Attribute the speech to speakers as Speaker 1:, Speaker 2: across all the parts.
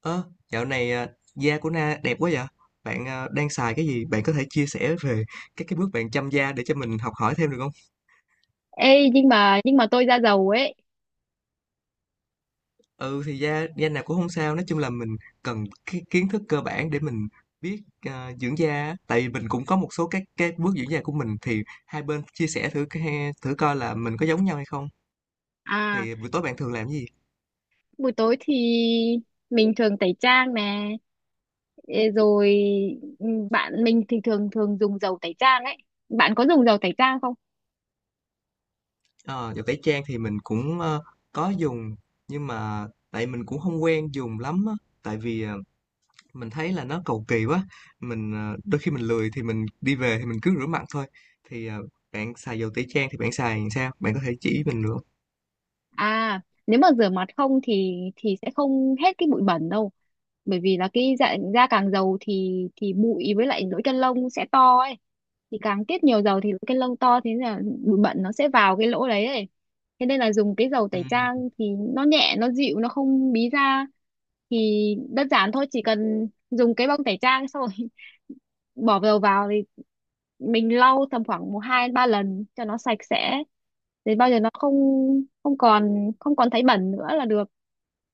Speaker 1: Ơ, dạo này, da của Na đẹp quá vậy? Bạn à, đang xài cái gì? Bạn có thể chia sẻ về các cái bước bạn chăm da để cho mình học hỏi thêm được không?
Speaker 2: Ê, nhưng mà tôi da dầu ấy.
Speaker 1: Ừ thì da da nào cũng không sao, nói chung là mình cần cái kiến thức cơ bản để mình biết dưỡng da, á. Tại vì mình cũng có một số các cái bước dưỡng da của mình thì hai bên chia sẻ thử thử coi là mình có giống nhau hay không.
Speaker 2: À,
Speaker 1: Thì buổi tối bạn thường làm cái gì?
Speaker 2: buổi tối thì mình thường tẩy trang nè. Ê, rồi ừ, bạn mình thì thường thường dùng dầu tẩy trang ấy. Bạn có dùng dầu tẩy trang không?
Speaker 1: Ờ, Đồ tẩy trang thì mình cũng có dùng nhưng mà tại mình cũng không quen dùng lắm á. Tại vì mình thấy là nó cầu kỳ quá mình đôi khi mình lười thì mình đi về thì mình cứ rửa mặt thôi thì bạn xài dầu tẩy trang thì bạn xài làm sao bạn có thể chỉ mình được không?
Speaker 2: À, nếu mà rửa mặt không thì sẽ không hết cái bụi bẩn đâu. Bởi vì là cái da, da càng dầu thì bụi với lại lỗ chân lông sẽ to ấy. Thì càng tiết nhiều dầu thì lỗ chân lông to, thế nên là bụi bẩn nó sẽ vào cái lỗ đấy ấy. Thế nên là dùng cái dầu
Speaker 1: Ừ,
Speaker 2: tẩy trang thì nó nhẹ, nó dịu, nó không bí da. Thì đơn giản thôi, chỉ cần dùng cái bông tẩy trang xong rồi bỏ dầu vào thì mình lau tầm khoảng một hai ba lần cho nó sạch sẽ, đến bao giờ nó không không còn thấy bẩn nữa là được.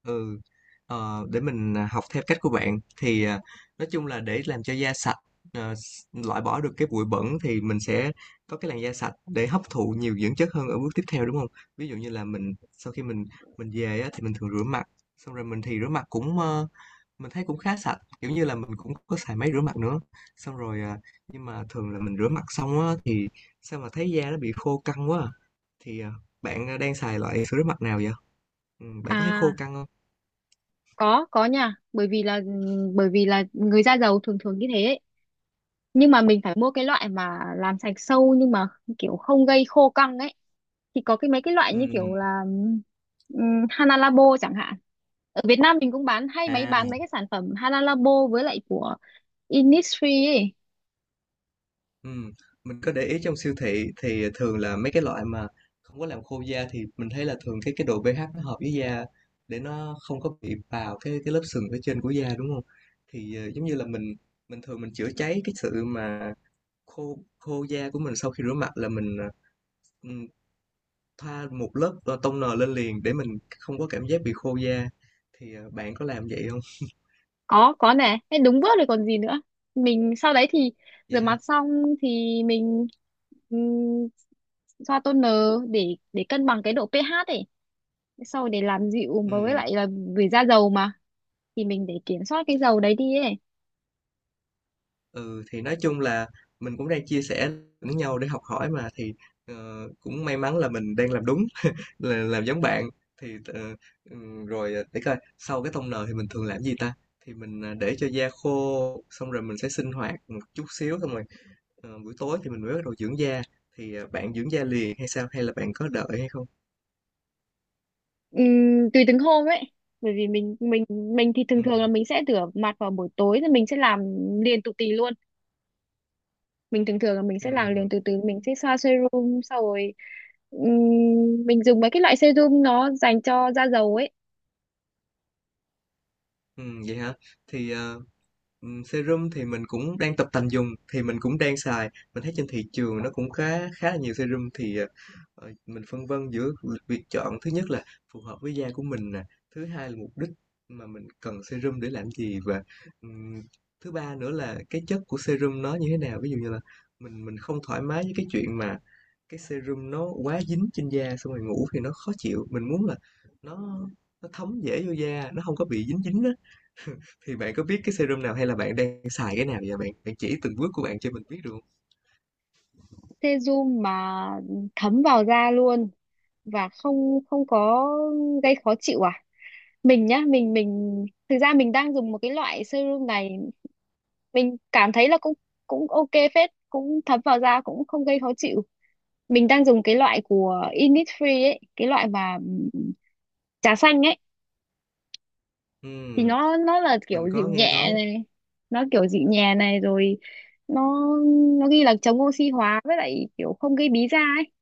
Speaker 1: ừ. Để mình học theo cách của bạn thì nói chung là để làm cho da sạch, loại bỏ được cái bụi bẩn thì mình sẽ có cái làn da sạch để hấp thụ nhiều dưỡng chất hơn ở bước tiếp theo, đúng không? Ví dụ như là mình, sau khi mình về á, thì mình thường rửa mặt xong rồi mình thì rửa mặt cũng ờ, Mình thấy cũng khá sạch, kiểu như là, mình cũng có xài máy rửa mặt nữa. Xong rồi, nhưng mà thường là mình rửa mặt xong á thì sao mà thấy da nó bị khô căng quá à. Thì, bạn, đang xài loại sữa rửa mặt nào vậy? Bạn có thấy khô
Speaker 2: À,
Speaker 1: căng không?
Speaker 2: có nha, bởi vì là người da dầu thường thường như thế ấy. Nhưng mà mình phải mua cái loại mà làm sạch sâu nhưng mà kiểu không gây khô căng ấy. Thì có cái mấy cái loại như kiểu
Speaker 1: Ừm,
Speaker 2: là Hana Labo chẳng hạn, ở Việt Nam mình cũng bán, hay mấy
Speaker 1: à,
Speaker 2: bán mấy cái sản phẩm Hana Labo với lại của Innisfree ấy.
Speaker 1: ừm, mình có để ý trong siêu thị thì thường là mấy cái loại mà không có làm khô da, thì mình thấy là thường cái độ pH nó hợp với da, để nó không có bị vào cái lớp sừng phía trên của da, đúng không? Thì, giống như là, mình thường mình chữa cháy cái sự mà khô khô da của mình sau khi rửa mặt là mình, thoa một lớp, toner lên liền để mình không có cảm giác bị khô da. Thì, bạn có làm vậy không?
Speaker 2: Có nè, thế đúng bước rồi còn gì nữa. Mình sau đấy thì rửa
Speaker 1: Vậy hả?
Speaker 2: mặt xong thì mình ừm, xoa toner để cân bằng cái độ pH ấy, sau rồi để làm dịu và với
Speaker 1: Ừm,
Speaker 2: lại là vì da dầu mà, thì mình để kiểm soát cái dầu đấy đi ấy.
Speaker 1: ừ, thì nói chung là mình cũng đang chia sẻ lẫn nhau để học hỏi mà, thì, cũng may mắn là mình đang làm đúng, là làm giống bạn. Thì, rồi, để coi, sau cái toner thì mình thường làm gì ta? Thì mình, để cho da khô, xong rồi mình sẽ sinh hoạt một chút xíu xong rồi. Buổi tối thì mình mới bắt đầu dưỡng da, thì bạn dưỡng da liền hay sao, hay là bạn có đợi hay không?
Speaker 2: Tùy từng hôm ấy, bởi vì mình mình thì
Speaker 1: Ừ,
Speaker 2: thường thường là mình sẽ rửa mặt vào buổi tối thì mình sẽ làm liền tụt tì luôn. Mình thường thường là mình sẽ làm liền,
Speaker 1: ừ,
Speaker 2: từ từ mình sẽ xoa serum sau rồi, mình dùng mấy cái loại serum nó dành cho da dầu ấy.
Speaker 1: ừ, vậy hả? Thì serum thì mình cũng đang tập tành dùng, thì mình cũng đang xài, mình thấy trên thị trường nó cũng khá khá là nhiều serum, thì mình phân vân giữa việc chọn, thứ nhất là phù hợp với da của mình nè, thứ hai là mục đích mà mình cần serum để làm gì, và ừm, thứ ba nữa là cái chất của serum nó như thế nào. Ví dụ như là mình không thoải mái với cái chuyện mà cái serum nó quá dính trên da, xong rồi ngủ thì nó khó chịu, mình muốn là nó nó thấm dễ vô da, nó không có bị dính dính á. Thì bạn có biết cái serum nào, hay là bạn đang xài cái nào vậy bạn? Bạn chỉ từng bước của bạn cho mình biết được hông?
Speaker 2: Serum mà thấm vào da luôn và không không có gây khó chịu à. Mình nhá, mình thực ra mình đang dùng một cái loại serum này, mình cảm thấy là cũng cũng ok phết, cũng thấm vào da, cũng không gây khó chịu. Mình đang dùng cái loại của Innisfree ấy, cái loại mà, trà xanh ấy. Thì
Speaker 1: Ừm,
Speaker 2: nó là kiểu
Speaker 1: mình có
Speaker 2: dịu
Speaker 1: nghe
Speaker 2: nhẹ
Speaker 1: nói.
Speaker 2: này, nó kiểu dịu nhẹ này, rồi nó ghi là chống oxy hóa với lại kiểu không gây bí da ấy.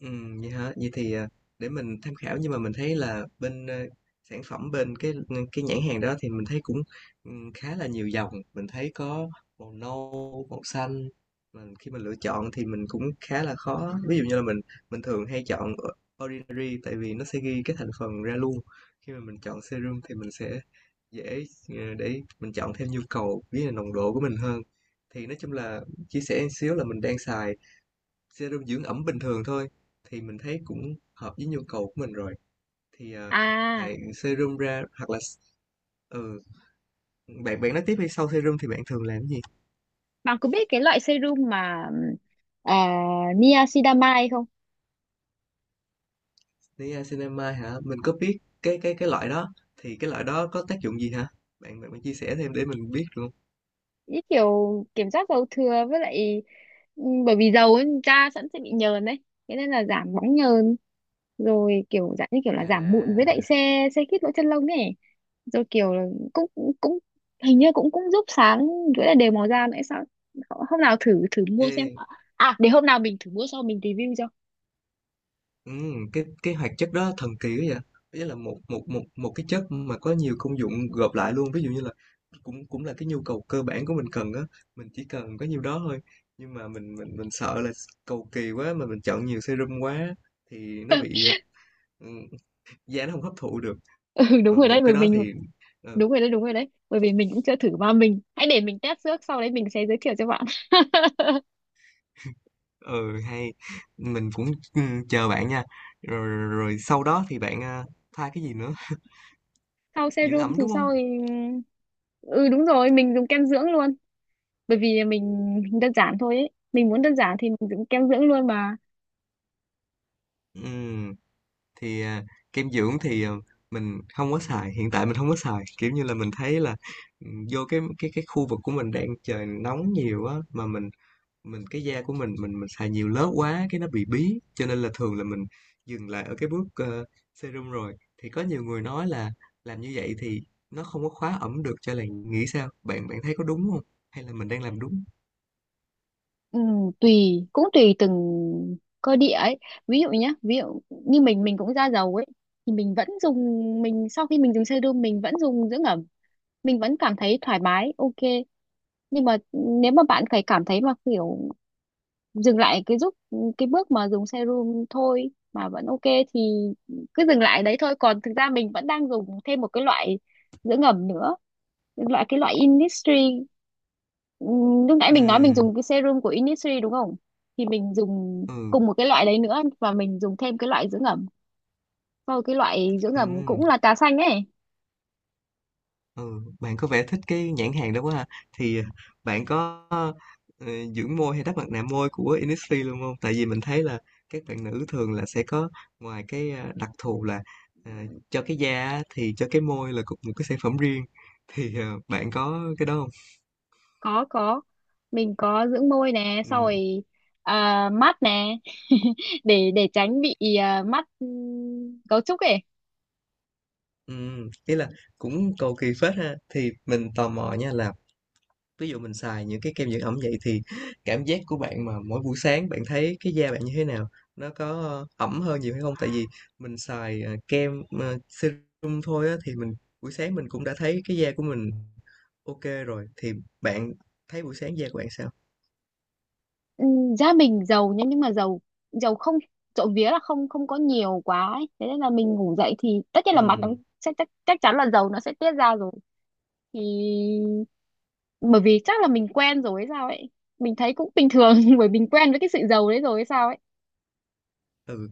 Speaker 1: Vậy hả? Vậy thì, để mình tham khảo, nhưng mà mình thấy là bên, sản phẩm bên cái, cái nhãn hàng đó thì mình thấy cũng, khá là nhiều dòng, mình thấy có màu nâu, màu xanh, mà khi mình lựa chọn thì mình cũng khá là khó. Ví dụ như là mình thường hay chọn Ordinary, tại vì nó sẽ ghi cái thành phần ra luôn. Khi mà mình chọn serum thì mình sẽ dễ, để mình chọn theo nhu cầu, với là nồng độ của mình hơn. Thì nói chung là chia sẻ một xíu là mình đang xài serum dưỡng ẩm bình thường thôi, thì mình thấy cũng hợp với nhu cầu của mình rồi, thì
Speaker 2: À,
Speaker 1: ngoài serum ra hoặc là ừ, bạn bạn nói tiếp hay sau serum thì bạn thường làm gì?
Speaker 2: bạn có biết cái loại serum mà, à, niacinamide không?
Speaker 1: Niacinamide hả? Mình có biết cái loại đó. Thì cái loại đó có tác dụng gì hả bạn bạn, bạn chia sẻ thêm để mình biết luôn.
Speaker 2: Như kiểu kiểm soát dầu thừa với lại, ừ, bởi vì dầu ấy, da sẵn sẽ bị nhờn đấy, thế nên là giảm bóng nhờn, rồi kiểu dạng như kiểu là giảm mụn với
Speaker 1: À
Speaker 2: lại xe xe khít lỗ chân lông ấy. Rồi kiểu là cũng cũng hình như cũng cũng giúp sáng với lại đều màu da nữa sao. Hôm nào thử thử mua
Speaker 1: ê
Speaker 2: xem. À, để hôm nào mình thử mua xong mình review cho.
Speaker 1: Cái hoạt chất đó thần kỳ quá vậy. Ý là một một một một cái chất mà có nhiều công dụng gộp lại luôn, ví dụ như là cũng cũng là cái nhu cầu cơ bản của mình cần á, mình chỉ cần có nhiêu đó thôi. Nhưng mà mình sợ là cầu kỳ quá mà mình chọn nhiều serum quá thì nó bị, ừm, da nó không hấp thụ được.
Speaker 2: Ừ đúng
Speaker 1: Mà
Speaker 2: rồi đấy,
Speaker 1: một cái
Speaker 2: bởi
Speaker 1: đó
Speaker 2: mình
Speaker 1: thì ừ,
Speaker 2: đúng rồi đấy, bởi vì mình cũng chưa thử mà, mình hãy để mình test trước, sau đấy mình sẽ giới thiệu cho bạn.
Speaker 1: ừ, hay, mình cũng chờ bạn nha. Rồi, rồi, rồi sau đó thì bạn à, pha cái gì nữa?
Speaker 2: Sau
Speaker 1: Dưỡng
Speaker 2: serum
Speaker 1: ẩm
Speaker 2: thì
Speaker 1: đúng không?
Speaker 2: sau thì ừ đúng rồi, mình dùng kem dưỡng luôn. Bởi vì mình đơn giản thôi ấy, mình muốn đơn giản thì mình dùng kem dưỡng luôn mà.
Speaker 1: Ừm. Thì kem dưỡng thì mình không có xài, hiện tại mình không có xài, kiểu như là mình thấy là vô cái khu vực của mình đang trời nóng nhiều á, mà mình cái da của mình xài nhiều lớp quá cái nó bị bí, cho nên là thường là mình dừng lại ở cái bước serum rồi. Thì có nhiều người nói là làm như vậy thì nó không có khóa ẩm được cho làn, nghĩ sao? Bạn bạn thấy có đúng không, hay là mình đang làm đúng?
Speaker 2: Ừ, tùy, cũng tùy từng cơ địa ấy. Ví dụ nhé, ví dụ như mình cũng da dầu ấy, thì mình vẫn dùng. Mình sau khi mình dùng serum mình vẫn dùng dưỡng ẩm, mình vẫn cảm thấy thoải mái, ok. Nhưng mà nếu mà bạn phải cảm thấy mà kiểu dừng lại cái giúp cái bước mà dùng serum thôi mà vẫn ok thì cứ dừng lại đấy thôi. Còn thực ra mình vẫn đang dùng thêm một cái loại dưỡng ẩm nữa, loại cái loại Innisfree. Lúc nãy mình nói mình
Speaker 1: Ừ,
Speaker 2: dùng cái serum của Innisfree đúng không, thì mình dùng
Speaker 1: ừ,
Speaker 2: cùng một cái loại đấy nữa, và mình dùng thêm cái loại dưỡng ẩm. Sau cái loại dưỡng ẩm
Speaker 1: ừ.
Speaker 2: cũng là trà xanh ấy.
Speaker 1: Ừ, bạn có vẻ thích cái nhãn hàng đó quá ha. Thì bạn có ờ, dưỡng môi hay đắp mặt nạ môi của Innisfree luôn không? Tại vì mình thấy là các bạn nữ thường là sẽ có, ngoài cái đặc thù là ờ, cho cái da á, thì cho cái môi là cũng một cái sản phẩm riêng. Thì bạn có cái đó không?
Speaker 2: Có, mình có dưỡng môi nè,
Speaker 1: Ừ,
Speaker 2: sau rồi à, mắt nè. Để tránh bị à, mắt, cấu trúc ấy.
Speaker 1: ừ, ý là cũng cầu kỳ phết ha. Thì mình tò mò nha, là ví dụ mình xài những cái kem dưỡng ẩm vậy thì cảm giác của bạn mà mỗi buổi sáng bạn thấy cái da bạn như thế nào, nó có ẩm hơn nhiều hay không? Tại vì mình xài serum thôi á, thì mình buổi sáng mình cũng đã thấy cái da của mình ok rồi, thì bạn thấy buổi sáng da của bạn sao?
Speaker 2: Ừ, gia mình giàu nhá, nhưng mà giàu giàu không trộm vía là không không có nhiều quá ấy. Thế nên là mình ngủ dậy thì tất nhiên là mặt nó
Speaker 1: Ừ,
Speaker 2: sẽ chắc chắn là dầu nó sẽ tiết ra rồi. Thì bởi vì chắc là mình quen rồi hay sao ấy, mình thấy cũng bình thường. Bởi mình quen với cái sự giàu đấy rồi hay sao ấy.
Speaker 1: ừ.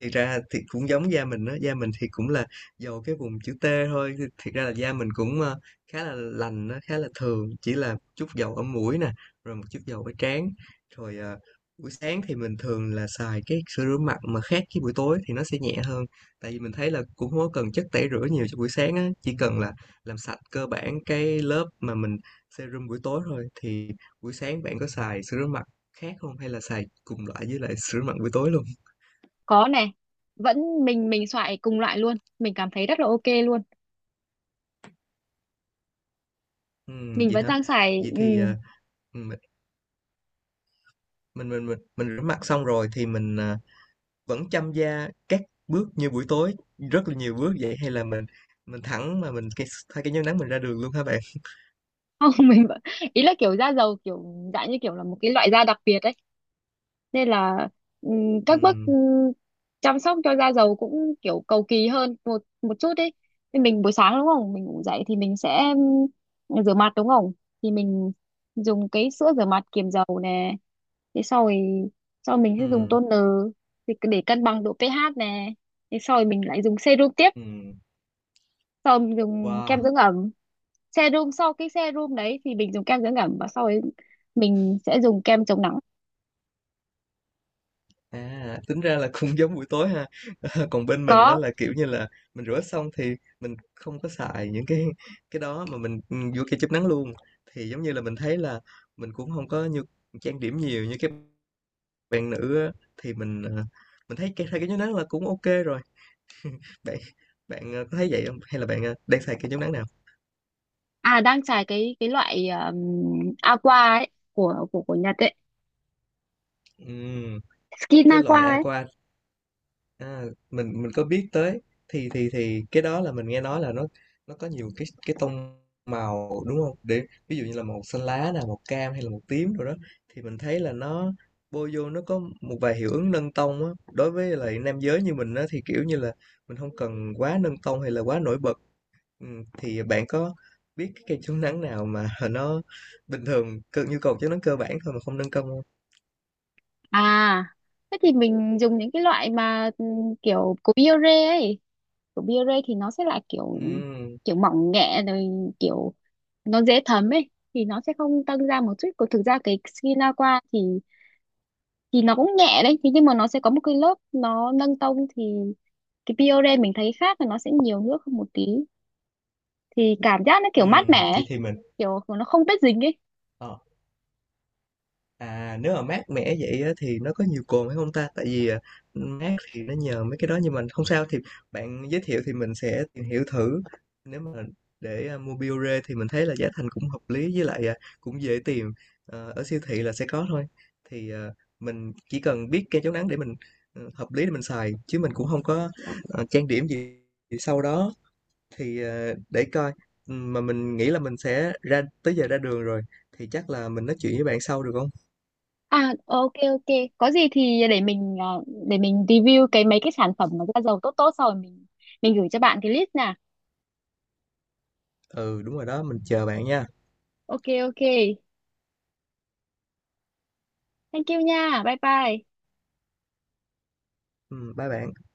Speaker 1: Thiệt ra thì cũng giống da mình đó, da mình thì cũng là dầu cái vùng chữ T thôi, thì thiệt ra là da mình cũng, khá là lành, nó khá là thường, chỉ là chút dầu ở mũi nè, rồi một chút dầu ở trán. Rồi, buổi sáng thì mình thường là xài cái sữa rửa mặt mà khác với buổi tối, thì nó sẽ nhẹ hơn, tại vì mình thấy là cũng không có cần chất tẩy rửa nhiều cho buổi sáng á, chỉ cần là làm sạch cơ bản cái lớp mà mình serum buổi tối thôi. Thì buổi sáng bạn có xài sữa rửa mặt khác không, hay là xài cùng loại với lại sữa rửa mặt buổi tối luôn?
Speaker 2: Có này, vẫn mình xoài cùng loại luôn, mình cảm thấy rất là ok luôn. Mình
Speaker 1: Vậy
Speaker 2: vẫn
Speaker 1: hả?
Speaker 2: đang xài
Speaker 1: Vậy
Speaker 2: ừ,
Speaker 1: thì, mình mình rửa mặt xong rồi thì mình, vẫn chăm da các bước như buổi tối, rất là nhiều bước vậy, hay là mình thẳng mà mình thay cái chống nắng mình ra đường luôn hả bạn?
Speaker 2: không. Mình vẫn, ý là kiểu da dầu kiểu dạng như kiểu là một cái loại da đặc biệt ấy, nên là, các bước,
Speaker 1: Ừm,
Speaker 2: chăm sóc cho da dầu cũng kiểu cầu kỳ hơn một một chút ấy. Nên mình buổi sáng đúng không, mình ngủ dậy thì mình sẽ, rửa mặt đúng không, thì mình dùng cái sữa rửa mặt kiềm dầu nè. Thế sau rồi sau mình sẽ dùng
Speaker 1: ừm,
Speaker 2: toner, thì cứ để cân bằng độ pH nè. Thế sau rồi mình lại dùng serum tiếp,
Speaker 1: ừm,
Speaker 2: sau mình dùng
Speaker 1: wow,
Speaker 2: kem dưỡng ẩm. Serum sau cái serum đấy thì mình dùng kem dưỡng ẩm, và sau ấy mình sẽ dùng kem chống nắng.
Speaker 1: tính ra là cũng giống buổi tối ha. Còn bên mình đó
Speaker 2: Có.
Speaker 1: là, kiểu như là, mình rửa xong thì mình không có xài những cái đó, mà mình, vô kem chụp nắng luôn. Thì giống như là mình thấy là mình cũng không có như trang điểm nhiều như cái bạn nữ á, thì mình, mình thấy cái hai cái chống nắng là cũng ok rồi. Bạn bạn, ờ, có thấy vậy không? Hay là bạn, đang xài kem chống nắng nào?
Speaker 2: À đang xài cái loại aqua ấy, của Nhật ấy,
Speaker 1: Ừm,
Speaker 2: skin
Speaker 1: cái
Speaker 2: aqua
Speaker 1: loại
Speaker 2: ấy.
Speaker 1: Aqua, a, mình có biết tới, thì cái đó là mình nghe nói là nó có nhiều cái tông màu, đúng không? Để ví dụ như là màu xanh lá nè, màu cam hay là màu tím rồi đó, thì mình thấy là nó bôi vô nó có một vài hiệu ứng nâng tông á. Đối với lại nam giới như mình á, thì, kiểu như là, mình không cần quá nâng tông hay là quá nổi bật. Ừ, thì bạn có biết cái cây chống nắng nào mà nó bình thường cơ, nhu cầu chống nắng cơ bản thôi mà không nâng công không?
Speaker 2: À thế thì mình dùng những cái loại mà, kiểu của Biore ấy. Của Biore thì nó sẽ là
Speaker 1: Ừ,
Speaker 2: kiểu kiểu mỏng nhẹ, rồi kiểu nó dễ thấm ấy, thì nó sẽ không tăng ra một chút. Còn thực ra cái skin aqua thì nó cũng nhẹ đấy, thế nhưng mà nó sẽ có một cái lớp nó nâng tông. Thì cái Biore mình thấy khác là nó sẽ nhiều nước hơn một tí, thì cảm giác nó
Speaker 1: ừ,
Speaker 2: kiểu mát mẻ
Speaker 1: vậy
Speaker 2: ấy,
Speaker 1: thì mình
Speaker 2: kiểu nó không bết dính ấy.
Speaker 1: ờ, À nếu mà mát mẻ vậy á, thì nó có nhiều cồn hay không ta? Tại vì mát thì nó nhờ mấy cái đó, nhưng mà không sao, thì bạn giới thiệu thì mình sẽ tìm hiểu thử. Nếu mà để mua Biore thì mình thấy là giá thành cũng hợp lý, với lại cũng dễ tìm. Ở siêu thị là sẽ có thôi. Thì mình chỉ cần biết kem chống nắng để mình hợp lý để mình xài, chứ mình cũng không có trang điểm gì. Thì sau đó thì để coi, mà mình nghĩ là mình sẽ ra tới giờ ra đường rồi, thì chắc là mình nói chuyện với bạn sau được không?
Speaker 2: À, ok ok. Có gì thì để mình ờ, để mình review cái mấy cái sản phẩm mà da dầu tốt tốt, xong rồi mình gửi cho bạn cái list nha.
Speaker 1: Ừ, đúng rồi đó, mình chờ bạn nha.
Speaker 2: Ok ok. Thank you nha. Bye bye.
Speaker 1: Bye bạn.